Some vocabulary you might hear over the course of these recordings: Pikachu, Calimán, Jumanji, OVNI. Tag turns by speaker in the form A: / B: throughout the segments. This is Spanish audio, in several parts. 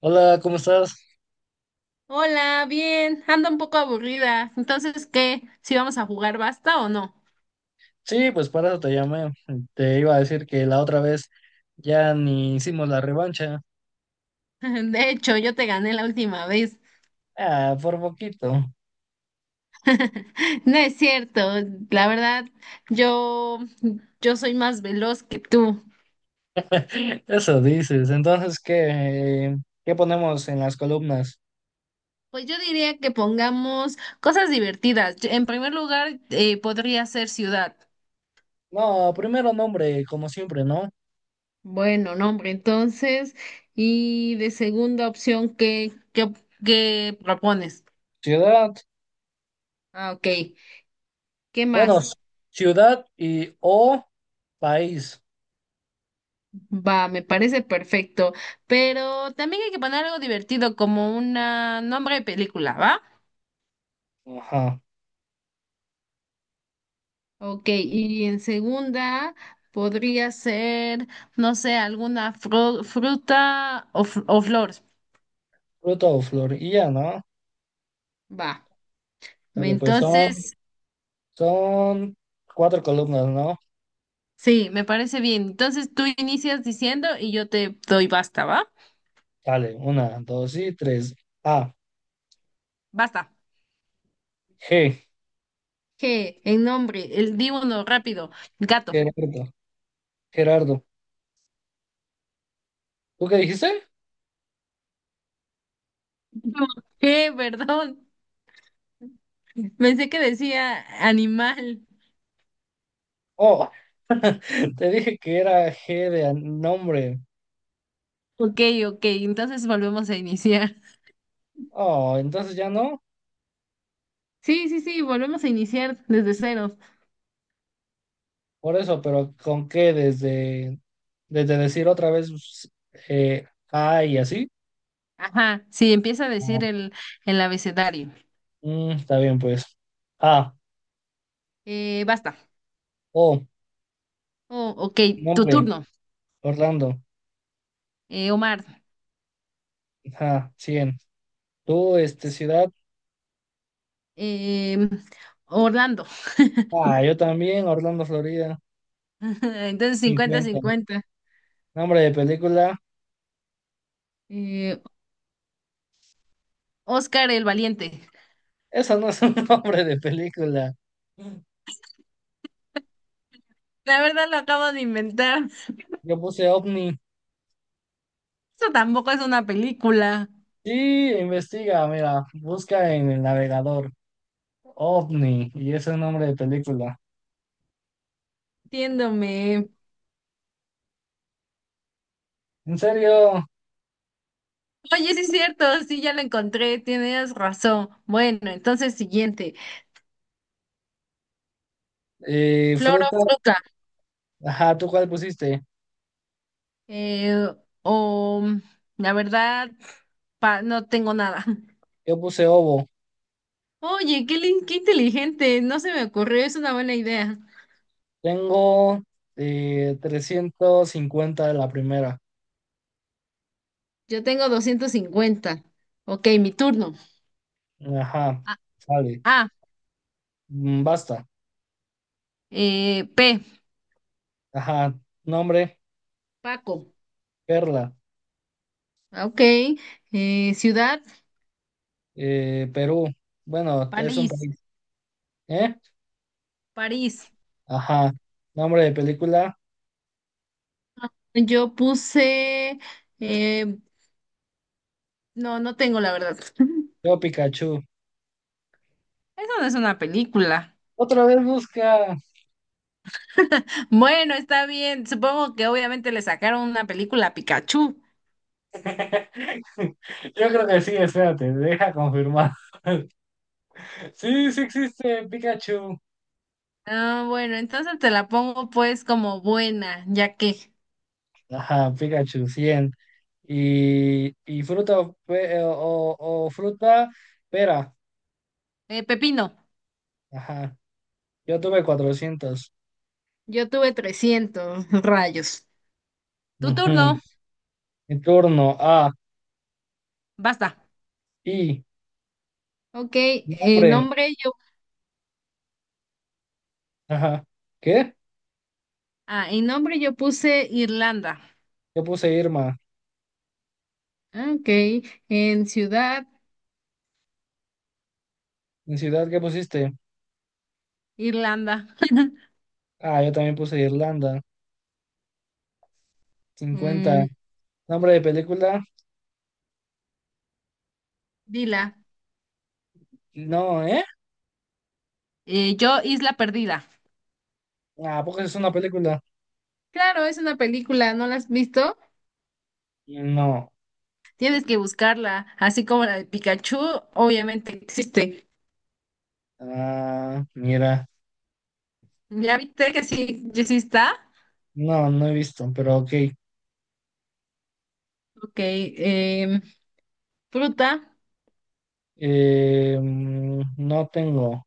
A: Hola, ¿cómo estás?
B: Hola, bien, ando un poco aburrida. Entonces, ¿qué? ¿Si vamos a jugar basta o no?
A: Sí, pues para eso te llamé. Te iba a decir que la otra vez ya ni hicimos la revancha.
B: De hecho, yo te gané la última vez.
A: Ah, por poquito.
B: No es cierto, la verdad, yo, yo soy más veloz que tú.
A: Eso dices. Entonces, ¿qué ponemos en las columnas?
B: Pues yo diría que pongamos cosas divertidas. En primer lugar, podría ser ciudad.
A: No, primero nombre, como siempre, ¿no?
B: Bueno, nombre, entonces, y de segunda opción, ¿qué propones?
A: Ciudad.
B: Ah, ok. ¿Qué
A: Bueno,
B: más?
A: ciudad y o país.
B: Va, me parece perfecto, pero también hay que poner algo divertido como un nombre de película, ¿va?
A: Ajá.
B: Ok, y en segunda podría ser, no sé, alguna fruta o flor.
A: Fruta o flor. Y ya, ¿no?
B: Va,
A: Dale, pues son,
B: entonces,
A: son cuatro columnas, ¿no?
B: sí, me parece bien. Entonces tú inicias diciendo y yo te doy basta, ¿va?
A: Dale, una, dos y tres. A,
B: Basta.
A: G.
B: G, en nombre, el di uno, rápido, gato.
A: Gerardo, Gerardo. ¿Tú qué dijiste?
B: G, perdón, pensé que decía animal.
A: Oh, te dije que era G de nombre.
B: Ok, ok, entonces volvemos a iniciar.
A: Oh, entonces ya no.
B: Sí, sí, sí, volvemos a iniciar desde cero.
A: Por eso, pero ¿con qué? Desde decir otra vez eh, A y así.
B: Ajá, sí, empieza a decir
A: Ah,
B: el abecedario.
A: está bien, pues. A,
B: Basta.
A: O,
B: Oh, ok, tu
A: nombre,
B: turno.
A: Orlando.
B: Omar.
A: Ajá, 100. Tú, este, ciudad.
B: Eh, Orlando.
A: Ah, yo también, Orlando, Florida.
B: Entonces
A: 50.
B: 50-50.
A: Nombre de película.
B: Eh, Oscar el Valiente.
A: Esa no es un nombre de película.
B: La verdad lo acabo de inventar.
A: Yo puse OVNI.
B: Eso tampoco es una película.
A: Sí, investiga, mira, busca en el navegador OVNI y ese es el nombre de película.
B: Entiéndome.
A: En serio,
B: Oye, sí es cierto, sí, ya lo encontré, tienes razón. Bueno, entonces siguiente. Flor o
A: fruta,
B: fruta.
A: ajá, ¿tú cuál pusiste?
B: Eh, o la verdad, no tengo nada.
A: Yo puse ovo.
B: Oye, qué, qué inteligente. No se me ocurrió. Es una buena idea.
A: Tengo 350 de la primera.
B: Yo tengo 250. Ok, mi turno.
A: Ajá,
B: A,
A: sale.
B: A,
A: Mm. Basta.
B: P.
A: Ajá, nombre,
B: Paco.
A: Perla,
B: Ah, ok. Ciudad.
A: Perú. Bueno, es un
B: París.
A: país. ¿Eh?
B: París.
A: Ajá, nombre de película,
B: Yo puse... eh, no, no tengo la verdad.
A: yo Pikachu.
B: Eso no es una película.
A: Otra vez busca.
B: Bueno, está bien. Supongo que obviamente le sacaron una película a Pikachu.
A: Yo creo que sí, espérate, deja confirmar. Sí, sí existe Pikachu.
B: Ah, bueno, entonces te la pongo pues como buena, ya que.
A: Ajá, Pikachu 100. Y fruta o, o fruta, pera.
B: Pepino,
A: Ajá, yo tuve 400.
B: yo tuve 300 rayos. Tu turno,
A: Ujú. Mi turno. A,
B: basta.
A: i,
B: Ok, en
A: nombre.
B: nombre yo,
A: Ajá. ¿Qué?
B: ah, en nombre yo puse Irlanda.
A: Yo puse Irma.
B: Ok, en ciudad,
A: ¿En ciudad qué pusiste?
B: Irlanda.
A: Ah, yo también puse Irlanda. 50.
B: Mm,
A: ¿Nombre de película?
B: Dila.
A: No, ¿eh?
B: Yo, Isla Perdida.
A: Ah, porque es una película.
B: Claro, es una película, ¿no la has visto?
A: No.
B: Tienes que buscarla, así como la de Pikachu, obviamente existe.
A: Ah, mira,
B: ¿Ya viste que sí, ya sí está?
A: no, no he visto, pero ok.
B: Ok, fruta.
A: No tengo.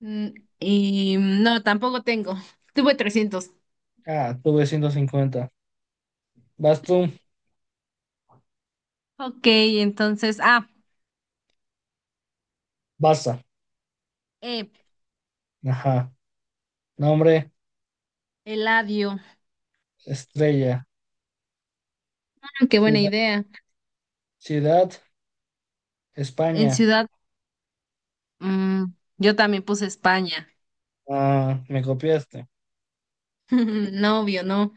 B: mm, Y no, tampoco tengo. Tuve 300.
A: Ah, tuve 150. Vas tú,
B: Ok, entonces,
A: Barça.
B: eh,
A: Ajá. Nombre,
B: Eladio.
A: estrella.
B: Ah, qué buena
A: Cida-
B: idea.
A: Ciudad,
B: En
A: España.
B: ciudad, mm, yo también puse España.
A: Ah, me copiaste.
B: No, obvio, no.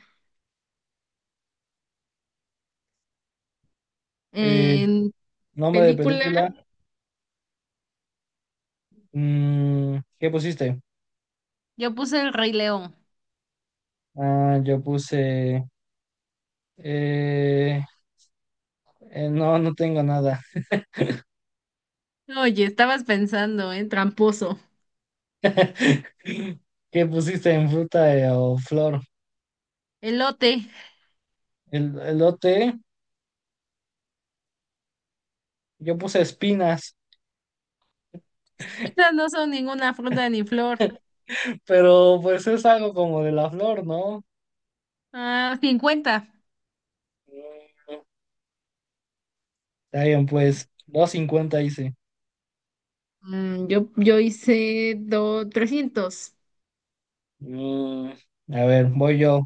A: Eh,
B: En
A: Nombre de
B: película,
A: película, ¿qué pusiste?
B: yo puse El Rey León.
A: Ah, yo puse... eh, no, no tengo nada.
B: Oye, estabas pensando, ¿eh? Tramposo.
A: ¿Qué pusiste en fruta o flor?
B: Elote.
A: El elote. Yo puse espinas,
B: Estas no son ninguna fruta ni flor.
A: pero pues es algo como de la flor, ¿no?
B: Ah, 50.
A: Mm, Está bien, pues 250 hice.
B: Yo hice 300.
A: Mm, a ver, voy yo.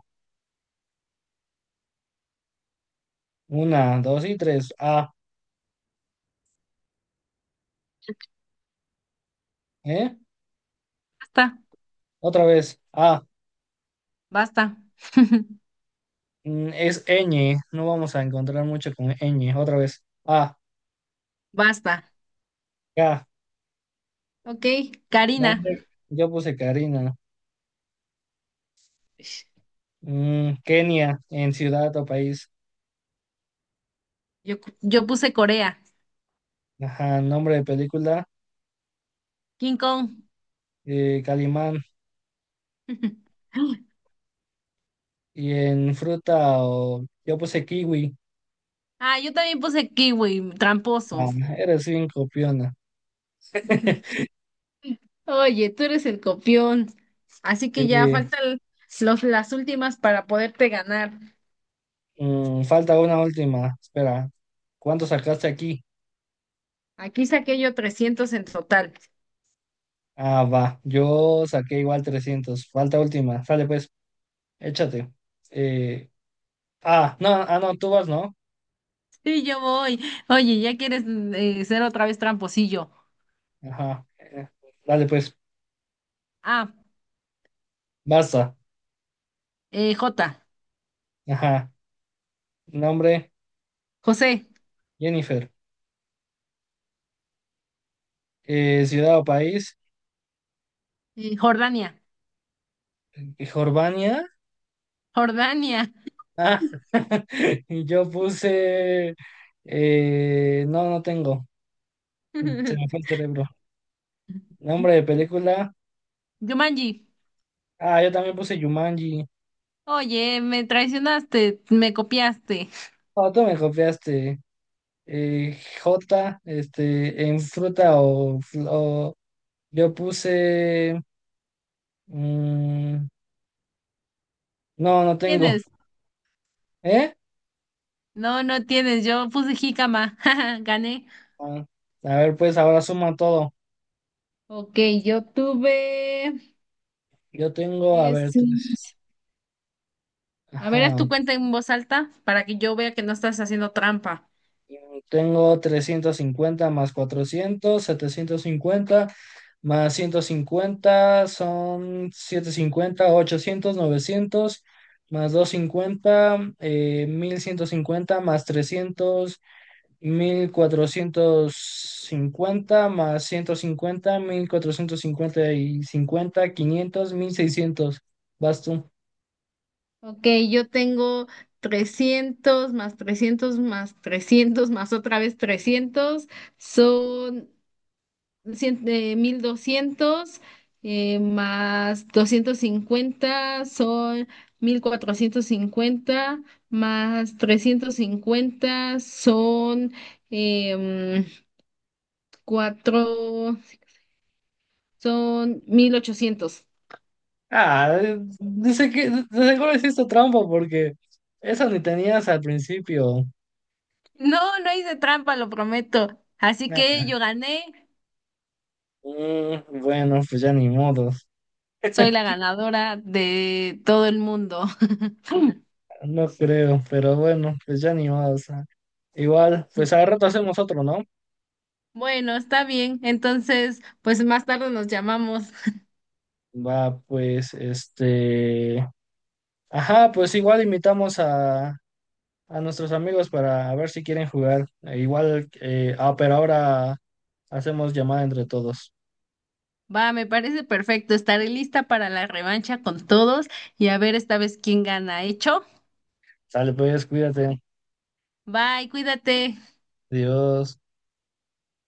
A: Una, dos y tres. A, ¿eh?
B: Basta,
A: Otra vez. A.
B: basta.
A: Es ñ. No vamos a encontrar mucho con ñ. Otra vez. A,
B: Basta.
A: K.
B: Ok,
A: No,
B: Karina.
A: hombre, yo puse Karina.
B: Ish,
A: Kenia, en ciudad o país.
B: Yo puse Corea.
A: Ajá, nombre de película.
B: King Kong.
A: Calimán. Y en fruta o... Yo puse kiwi.
B: Ah, yo también puse kiwi, tramposo.
A: Ah, eres bien copiona.
B: Oye, tú eres el copión. Así que ya
A: Eh,
B: faltan las últimas para poderte ganar.
A: Falta una última. Espera, ¿cuánto sacaste aquí?
B: Aquí saqué yo 300 en total.
A: Ah, va. Yo saqué igual 300. Falta última. Sale pues, échate. Eh, ah, no, ah, no, tú vas, ¿no?
B: Sí, yo voy. Oye, ya quieres ser otra vez tramposillo.
A: Ajá. Dale pues,
B: Ah,
A: basta.
B: J,
A: Ajá. Nombre,
B: José,
A: Jennifer. Ciudad o país,
B: Jordania,
A: Jordania.
B: Jordania.
A: Ah, y yo puse... no, no tengo. Se me fue el cerebro. Nombre de película.
B: Yumanji,
A: Ah, yo también puse Jumanji.
B: oye, me traicionaste, me copiaste.
A: Oh, tú me copiaste. J, este, en fruta o, yo puse. mm, no, no tengo.
B: ¿Tienes?
A: ¿Eh?
B: No, no tienes, yo puse jícama, gané.
A: Ah, a ver, pues ahora suma todo.
B: Ok, yo tuve...
A: Yo tengo, a ver,
B: sí.
A: tres.
B: A ver, haz
A: Ajá.
B: tu cuenta en voz alta para que yo vea que no estás haciendo trampa.
A: Tengo 350 más 400 750 más 150 son 750 800 900 más 250, 1150 más 300 1450 más ciento cincuenta 1450 y 50, 500, 1600. Vas tú.
B: Ok, yo tengo 300 más 300 más 300 más otra vez 300 son 1200 más 250 son 1450 más 350 em, cuatro, son 1800.
A: Ah, dice que de seguro hiciste trampa porque eso ni tenías al principio.
B: No, no hice trampa, lo prometo. Así que
A: Nah.
B: yo gané.
A: Bueno, pues ya ni modos.
B: Soy la ganadora de todo el mundo.
A: No creo, pero bueno, pues ya ni modos. Igual, pues al rato hacemos otro, ¿no?
B: Bueno, está bien. Entonces, pues más tarde nos llamamos.
A: Va, pues, este... Ajá, pues igual invitamos a nuestros amigos para ver si quieren jugar. Igual, pero ahora hacemos llamada entre todos.
B: Va, me parece perfecto. Estaré lista para la revancha con todos y a ver esta vez quién gana. ¿Hecho?
A: Sale, pues, cuídate.
B: Bye, cuídate.
A: Dios.